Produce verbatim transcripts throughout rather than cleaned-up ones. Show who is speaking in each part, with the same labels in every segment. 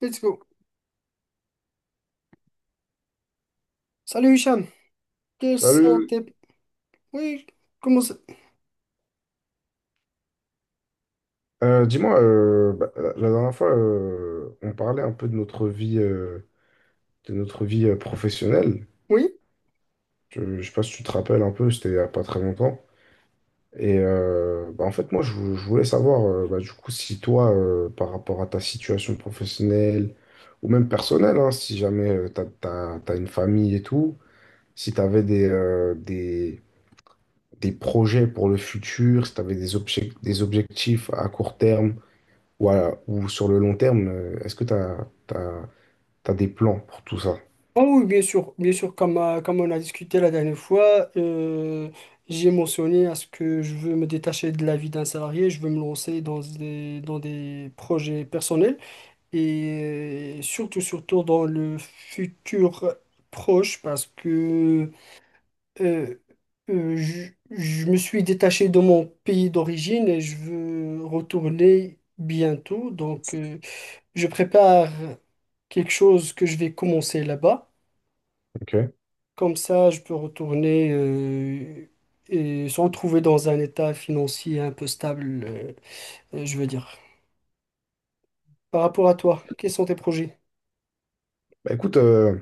Speaker 1: Let's go. Salut Hicham. Quels sont
Speaker 2: Salut.
Speaker 1: tes... Oui, comment ça...
Speaker 2: Euh, dis-moi, euh, bah, la la dernière fois, euh, on parlait un peu de notre vie, euh, de notre vie euh, professionnelle.
Speaker 1: Oui?
Speaker 2: Je, je sais pas si tu te rappelles un peu, c'était il y a pas très longtemps. Et euh, bah, en fait, moi, je, vou- je voulais savoir, euh, bah, du coup, si toi, euh, par rapport à ta situation professionnelle ou même personnelle, hein, si jamais tu as, une famille et tout, si tu avais des, euh, des, des projets pour le futur, si tu avais des objec- des objectifs à court terme. Voilà. Ou sur le long terme, euh, est-ce que tu as, des plans pour tout ça?
Speaker 1: Ah oui, bien sûr. Bien sûr, comme, euh, comme on a discuté la dernière fois, euh, j'ai mentionné à ce que je veux me détacher de la vie d'un salarié, je veux me lancer dans des, dans des projets personnels et euh, surtout, surtout dans le futur proche parce que euh, euh, je, je me suis détaché de mon pays d'origine et je veux retourner bientôt. Donc, euh, je prépare quelque chose que je vais commencer là-bas.
Speaker 2: Ok.
Speaker 1: Comme ça, je peux retourner euh, et se retrouver dans un état financier un peu stable, euh, euh, je veux dire. Par rapport à toi, quels sont tes projets?
Speaker 2: Bah, écoute, euh,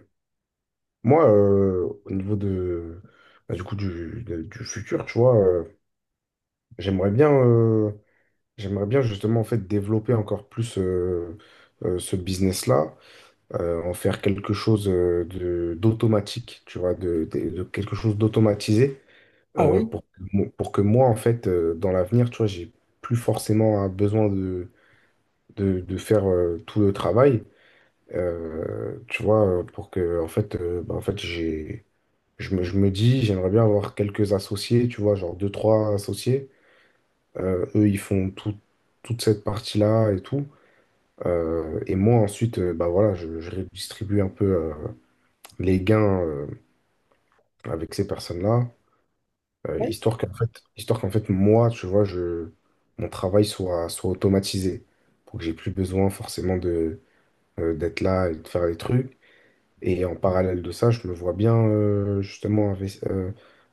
Speaker 2: moi, euh, au niveau de, bah, du coup, du, de- du futur, tu vois, euh, j'aimerais bien, euh, j'aimerais bien justement en fait développer encore plus euh, euh, ce business-là, euh, en faire quelque chose euh, de, d'automatique, tu vois, de, de- de quelque chose d'automatisé
Speaker 1: Ah
Speaker 2: euh,
Speaker 1: oui,
Speaker 2: pour, que mo- pour que moi, en fait, euh, dans l'avenir, tu vois, j'ai plus forcément un besoin de, de faire euh, tout le travail, euh, tu vois, euh, pour que, en fait, euh, bah, en fait j'ai, je me, je me dis, j'aimerais bien avoir quelques associés, tu vois, genre deux, trois associés. Euh, eux, ils font tout, toute cette partie-là et tout. Euh, et moi, ensuite, euh, bah, voilà, je, je redistribue un peu euh, les gains euh, avec ces personnes-là, euh,
Speaker 1: oui,
Speaker 2: histoire qu'en fait, histoire qu'en fait, moi, tu vois, je, mon travail soit, soit automatisé, pour que j'ai plus besoin forcément de, euh, d'être là et de faire les trucs. Et en parallèle de ça, je me vois bien euh, justement investi- euh,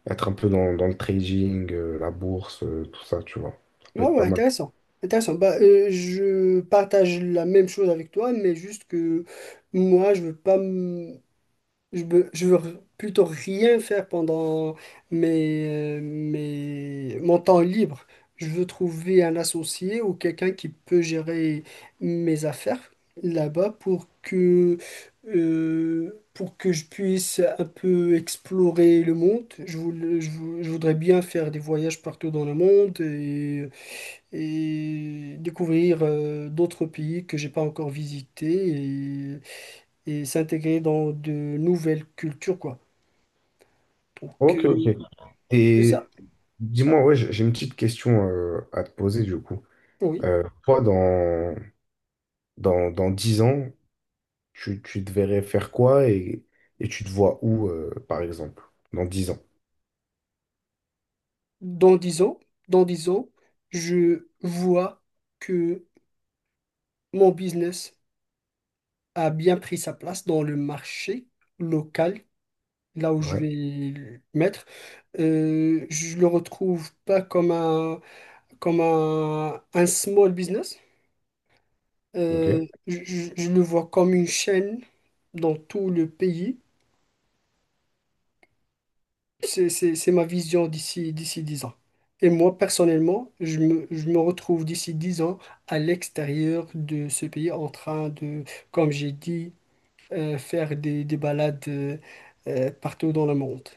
Speaker 2: être un peu dans, dans le trading, euh, la bourse, euh, tout ça, tu vois. Ça peut
Speaker 1: ouais,
Speaker 2: être
Speaker 1: ouais,
Speaker 2: pas mal.
Speaker 1: intéressant. Intéressant. Bah, euh, je partage la même chose avec toi, mais juste que moi, je veux pas. m- Je veux, je veux plutôt rien faire pendant mes, euh, mes- mon temps libre. Je veux trouver un associé ou quelqu'un qui peut gérer mes affaires là-bas pour que, euh, pour que je puisse un peu explorer le monde. Je, voul- je vou- je voudrais bien faire des voyages partout dans le monde et, et découvrir euh, d'autres pays que j'ai pas encore visités et s'intégrer dans de nouvelles cultures, quoi. Donc,
Speaker 2: Ok, ok.
Speaker 1: euh, c'est ça,
Speaker 2: Et dis-moi, ouais, j'ai j'ai une petite question euh, à te poser du coup.
Speaker 1: oui.
Speaker 2: Euh, toi, dans, dans, dans dix ans, tu, tu te verrais faire quoi et, et tu te vois où, euh, par exemple, dans dix ans?
Speaker 1: Dans dix ans, dans dix ans, je vois que mon business a bien pris sa place dans le marché local, là où je
Speaker 2: Ouais.
Speaker 1: vais le mettre. Euh, je le retrouve pas comme un, comme un, un small business. Euh,
Speaker 2: Ok.
Speaker 1: je je- je le vois comme une chaîne dans tout le pays. C'est, c'est- c'est ma vision d'ici d'ici dix ans. Et moi, personnellement, je me, je me retrouve d'ici dix ans à l'extérieur de ce pays en train de, comme j'ai dit, euh, faire des, des balades euh, euh, partout dans le monde.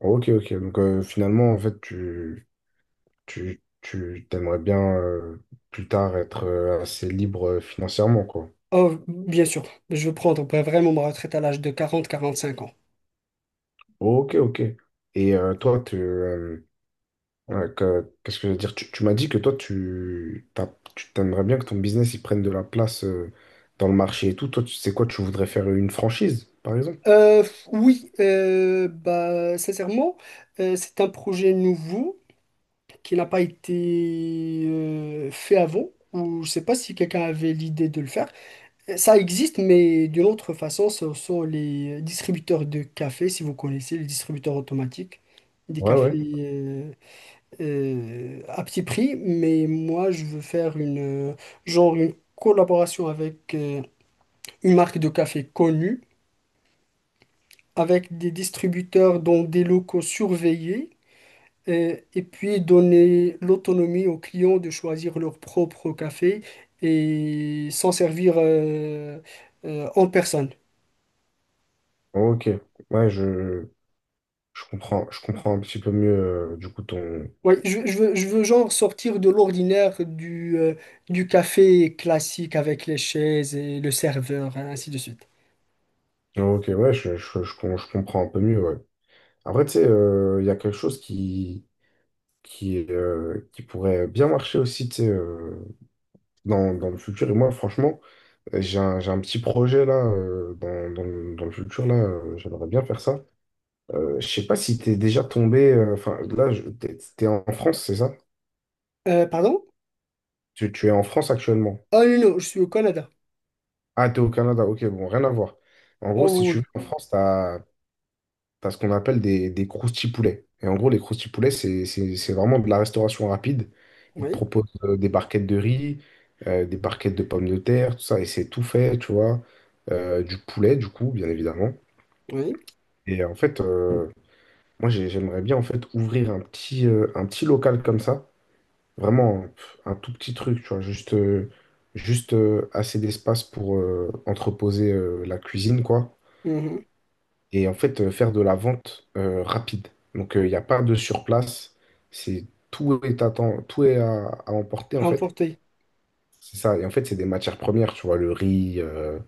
Speaker 2: Ok, ok. Donc euh, finalement, en fait, tu, tu, tu t'aimerais bien euh, plus tard être euh, assez libre euh, financièrement, quoi.
Speaker 1: Oh, bien sûr, je veux prendre bah, vraiment ma retraite à l'âge de quarante quarante-cinq ans.
Speaker 2: Ok, ok. Et euh, toi, tu, euh, ouais, que- qu'est-ce que je veux dire? Tu, tu m'as dit que toi, tu, t'as- tu t'aimerais bien que ton business il prenne de la place euh, dans le marché et tout. Toi, tu sais quoi, tu voudrais faire une franchise, par exemple?
Speaker 1: Euh, oui, euh, bah, sincèrement, euh, c'est un projet nouveau qui n'a pas été euh, fait avant, ou je ne sais pas si quelqu'un avait l'idée de le faire. Ça existe, mais d'une autre façon, ce sont les distributeurs de café, si vous connaissez, les distributeurs automatiques, des
Speaker 2: Ouais, ouais.
Speaker 1: cafés euh, euh, à petit prix. Mais moi, je veux faire une, euh, genre une collaboration avec euh, une marque de café connue, avec des distributeurs dans des locaux surveillés, euh, et puis donner l'autonomie aux clients de choisir leur propre café et s'en servir euh, euh, en personne.
Speaker 2: Ok. Ouais, je, je comprends, je comprends un petit peu mieux, euh, du coup, ton...
Speaker 1: Ouais, je, je veux, je veux genre sortir de l'ordinaire du, euh, du café classique avec les chaises et le serveur, hein, ainsi de suite.
Speaker 2: Ok, ouais, je, je, je, com- je comprends un peu mieux, ouais. Après, tu sais, euh, il y a quelque chose qui qui, euh, qui pourrait bien marcher aussi, tu sais, euh, dans, dans le futur. Et moi, franchement, euh, j'ai un, j'ai un petit projet là, euh, dans, dans le, dans le futur, là, euh, j'aimerais bien faire ça. Euh, je sais pas si t'es déjà tombé, euh, enfin, là, je- t'es, t'es en France, c'est ça?
Speaker 1: Euh, pardon?
Speaker 2: Tu, tu es en France actuellement.
Speaker 1: Ah non, non, je suis au Canada.
Speaker 2: Ah, t'es au Canada, ok, bon, rien à voir. En
Speaker 1: Ah
Speaker 2: gros, si tu
Speaker 1: oui,
Speaker 2: veux, en France, t'as parce qu'on appelle des, des croustipoulets. Et en gros, les croustipoulets, c'est c'est- c'est vraiment de la restauration rapide. Ils te
Speaker 1: oui,
Speaker 2: proposent euh, des barquettes de riz, euh, des barquettes de pommes de terre, tout ça, et c'est tout fait, tu vois. Euh, du poulet, du coup, bien évidemment.
Speaker 1: oui.
Speaker 2: Et en fait, euh, moi, j'ai- j'aimerais bien en fait ouvrir un petit, euh, un petit local comme ça, vraiment pff, un tout petit truc, tu vois, juste, euh, juste euh, assez d'espace pour euh, entreposer euh, la cuisine, quoi,
Speaker 1: Oui, mhm.
Speaker 2: et en fait euh, faire de la vente euh, rapide. Donc euh, il n'y a pas de surplace, c'est tout est à temps- tout est à, à emporter en fait.
Speaker 1: Emporté.
Speaker 2: C'est ça. Et en fait, c'est des matières premières, tu vois, le riz, euh,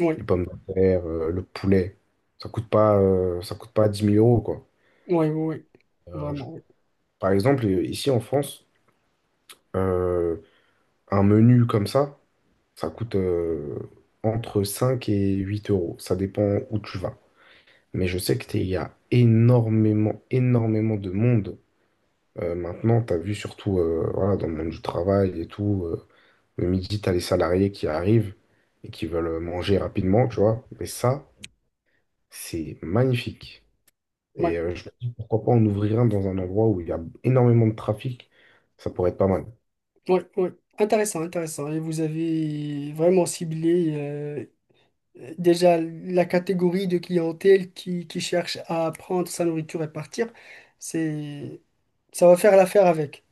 Speaker 1: Oui,
Speaker 2: les pommes de terre, euh, le poulet. Ça coûte pas, euh, ça coûte pas dix mille euros, quoi.
Speaker 1: oui, oui, oui.
Speaker 2: Euh, je-
Speaker 1: Vraiment, oui.
Speaker 2: Par exemple, euh, ici en France, euh, un menu comme ça, ça coûte euh, entre cinq et huit euros. Ça dépend où tu vas. Mais je sais qu'il y a énormément, énormément de monde. Euh, maintenant, tu as vu surtout euh, voilà, dans le monde du travail et tout, euh, le midi, tu as les salariés qui arrivent et qui veulent euh, manger rapidement, tu vois. Mais ça, c'est magnifique.
Speaker 1: Oui,
Speaker 2: Et euh, je me dis, pourquoi pas en ouvrir un dans un endroit où il y a énormément de trafic, ça pourrait être pas mal.
Speaker 1: oui, oui. Intéressant, intéressant. Et vous avez vraiment ciblé euh, déjà la catégorie de clientèle qui, qui cherche à prendre sa nourriture et partir. C'est, ça va faire l'affaire avec.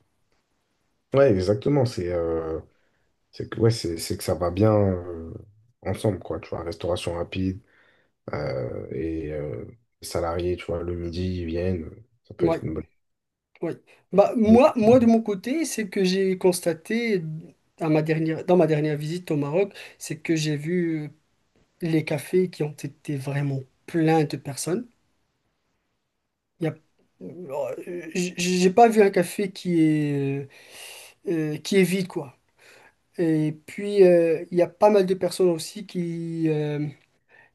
Speaker 2: Ouais, exactement. C'est euh, c'est que, ouais, c'est, c'est que ça va bien euh, ensemble, quoi. Tu vois, restauration rapide euh, et euh, les salariés, tu vois, le midi, ils viennent. Ça peut
Speaker 1: Oui.
Speaker 2: être une bonne
Speaker 1: Oui. Bah,
Speaker 2: idée.
Speaker 1: moi, moi, de mon côté, c'est que j'ai constaté à ma dernière, dans ma dernière visite au Maroc, c'est que j'ai vu euh, les cafés qui ont été vraiment pleins de personnes. Il y a, euh, j- j'ai pas vu un café qui est, euh, euh, qui est vide, quoi. Et puis, euh, il y a pas mal de personnes aussi qui, euh,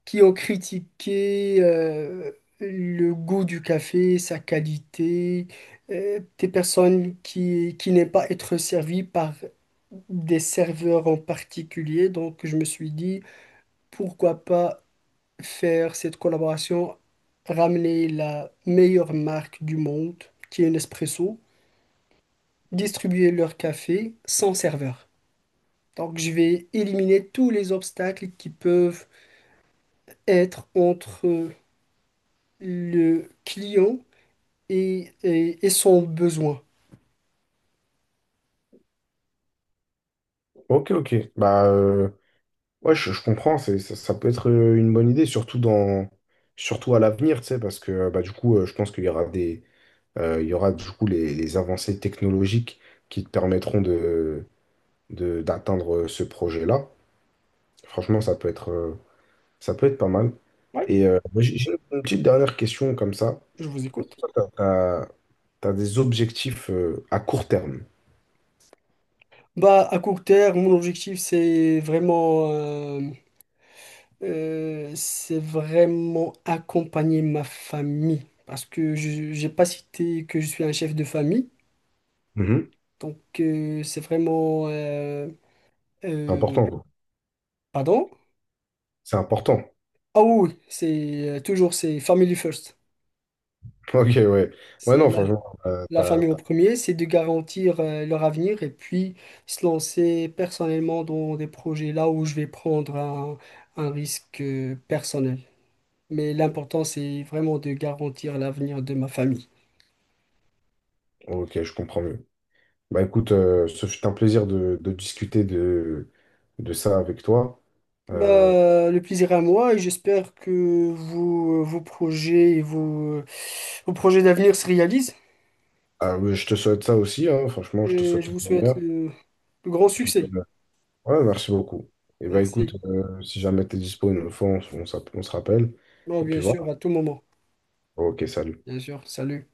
Speaker 1: qui ont critiqué euh, le goût du café, sa qualité, euh, des personnes qui, qui n'aiment pas être servies par des serveurs en particulier. Donc je me suis dit, pourquoi pas faire cette collaboration, ramener la meilleure marque du monde, qui est Nespresso, distribuer leur café sans serveur. Donc je vais éliminer tous les obstacles qui peuvent être entre le client et, et, et son besoin.
Speaker 2: Ok, ok. Bah, euh, ouais, je, je comprends, c'est, ça, ça peut être euh, une bonne idée, surtout dans, surtout à l'avenir, tu sais, parce que euh, bah, du coup, euh, je pense qu'il y aura des, euh, il y aura du coup les, les avancées technologiques qui te permettront de, de- d'atteindre euh, ce projet-là. Franchement, ça peut être, euh, ça peut être pas mal.
Speaker 1: Oui,
Speaker 2: Et euh, moi, j'ai j'ai une petite dernière question comme ça.
Speaker 1: je vous
Speaker 2: Est-ce
Speaker 1: écoute.
Speaker 2: que toi, t'as, as des objectifs euh, à court terme?
Speaker 1: Bah, à court terme, mon objectif, c'est vraiment, euh, euh, c'est vraiment accompagner ma famille. Parce que je n'ai pas cité que je suis un chef de famille.
Speaker 2: Mhm.
Speaker 1: Donc, euh, c'est vraiment... euh,
Speaker 2: C'est
Speaker 1: euh,
Speaker 2: important, quoi.
Speaker 1: pardon?
Speaker 2: C'est important.
Speaker 1: Ah oui, oui, c'est euh, toujours c'est family first.
Speaker 2: Ok, ouais. Ouais,
Speaker 1: C'est
Speaker 2: non,
Speaker 1: la
Speaker 2: franchement, euh,
Speaker 1: la
Speaker 2: t'as-
Speaker 1: famille au
Speaker 2: t'as-
Speaker 1: premier, c'est de garantir euh, leur avenir et puis se lancer personnellement dans des projets là où je vais prendre un, un risque euh, personnel. Mais l'important, c'est vraiment de garantir l'avenir de ma famille.
Speaker 2: ok, je comprends mieux. Bah écoute, euh, ce fut un plaisir de, de discuter de, de ça avec toi. Euh,
Speaker 1: Bah, le plaisir est à moi et j'espère que vos, vos projets et vos, euh, vos projets d'avenir se réalisent.
Speaker 2: ah, mais je te souhaite ça aussi, hein, franchement, je te
Speaker 1: Et
Speaker 2: souhaite
Speaker 1: je vous
Speaker 2: le
Speaker 1: souhaite
Speaker 2: meilleur.
Speaker 1: le le grand
Speaker 2: Puis,
Speaker 1: succès.
Speaker 2: euh, ouais, merci beaucoup. Et bah écoute,
Speaker 1: Merci.
Speaker 2: euh, si jamais t'es dispo une autre fois, on, s- on s'app- on se rappelle.
Speaker 1: Bon,
Speaker 2: Et puis
Speaker 1: bien
Speaker 2: voilà.
Speaker 1: sûr, à tout moment.
Speaker 2: Ok, salut.
Speaker 1: Bien sûr, salut.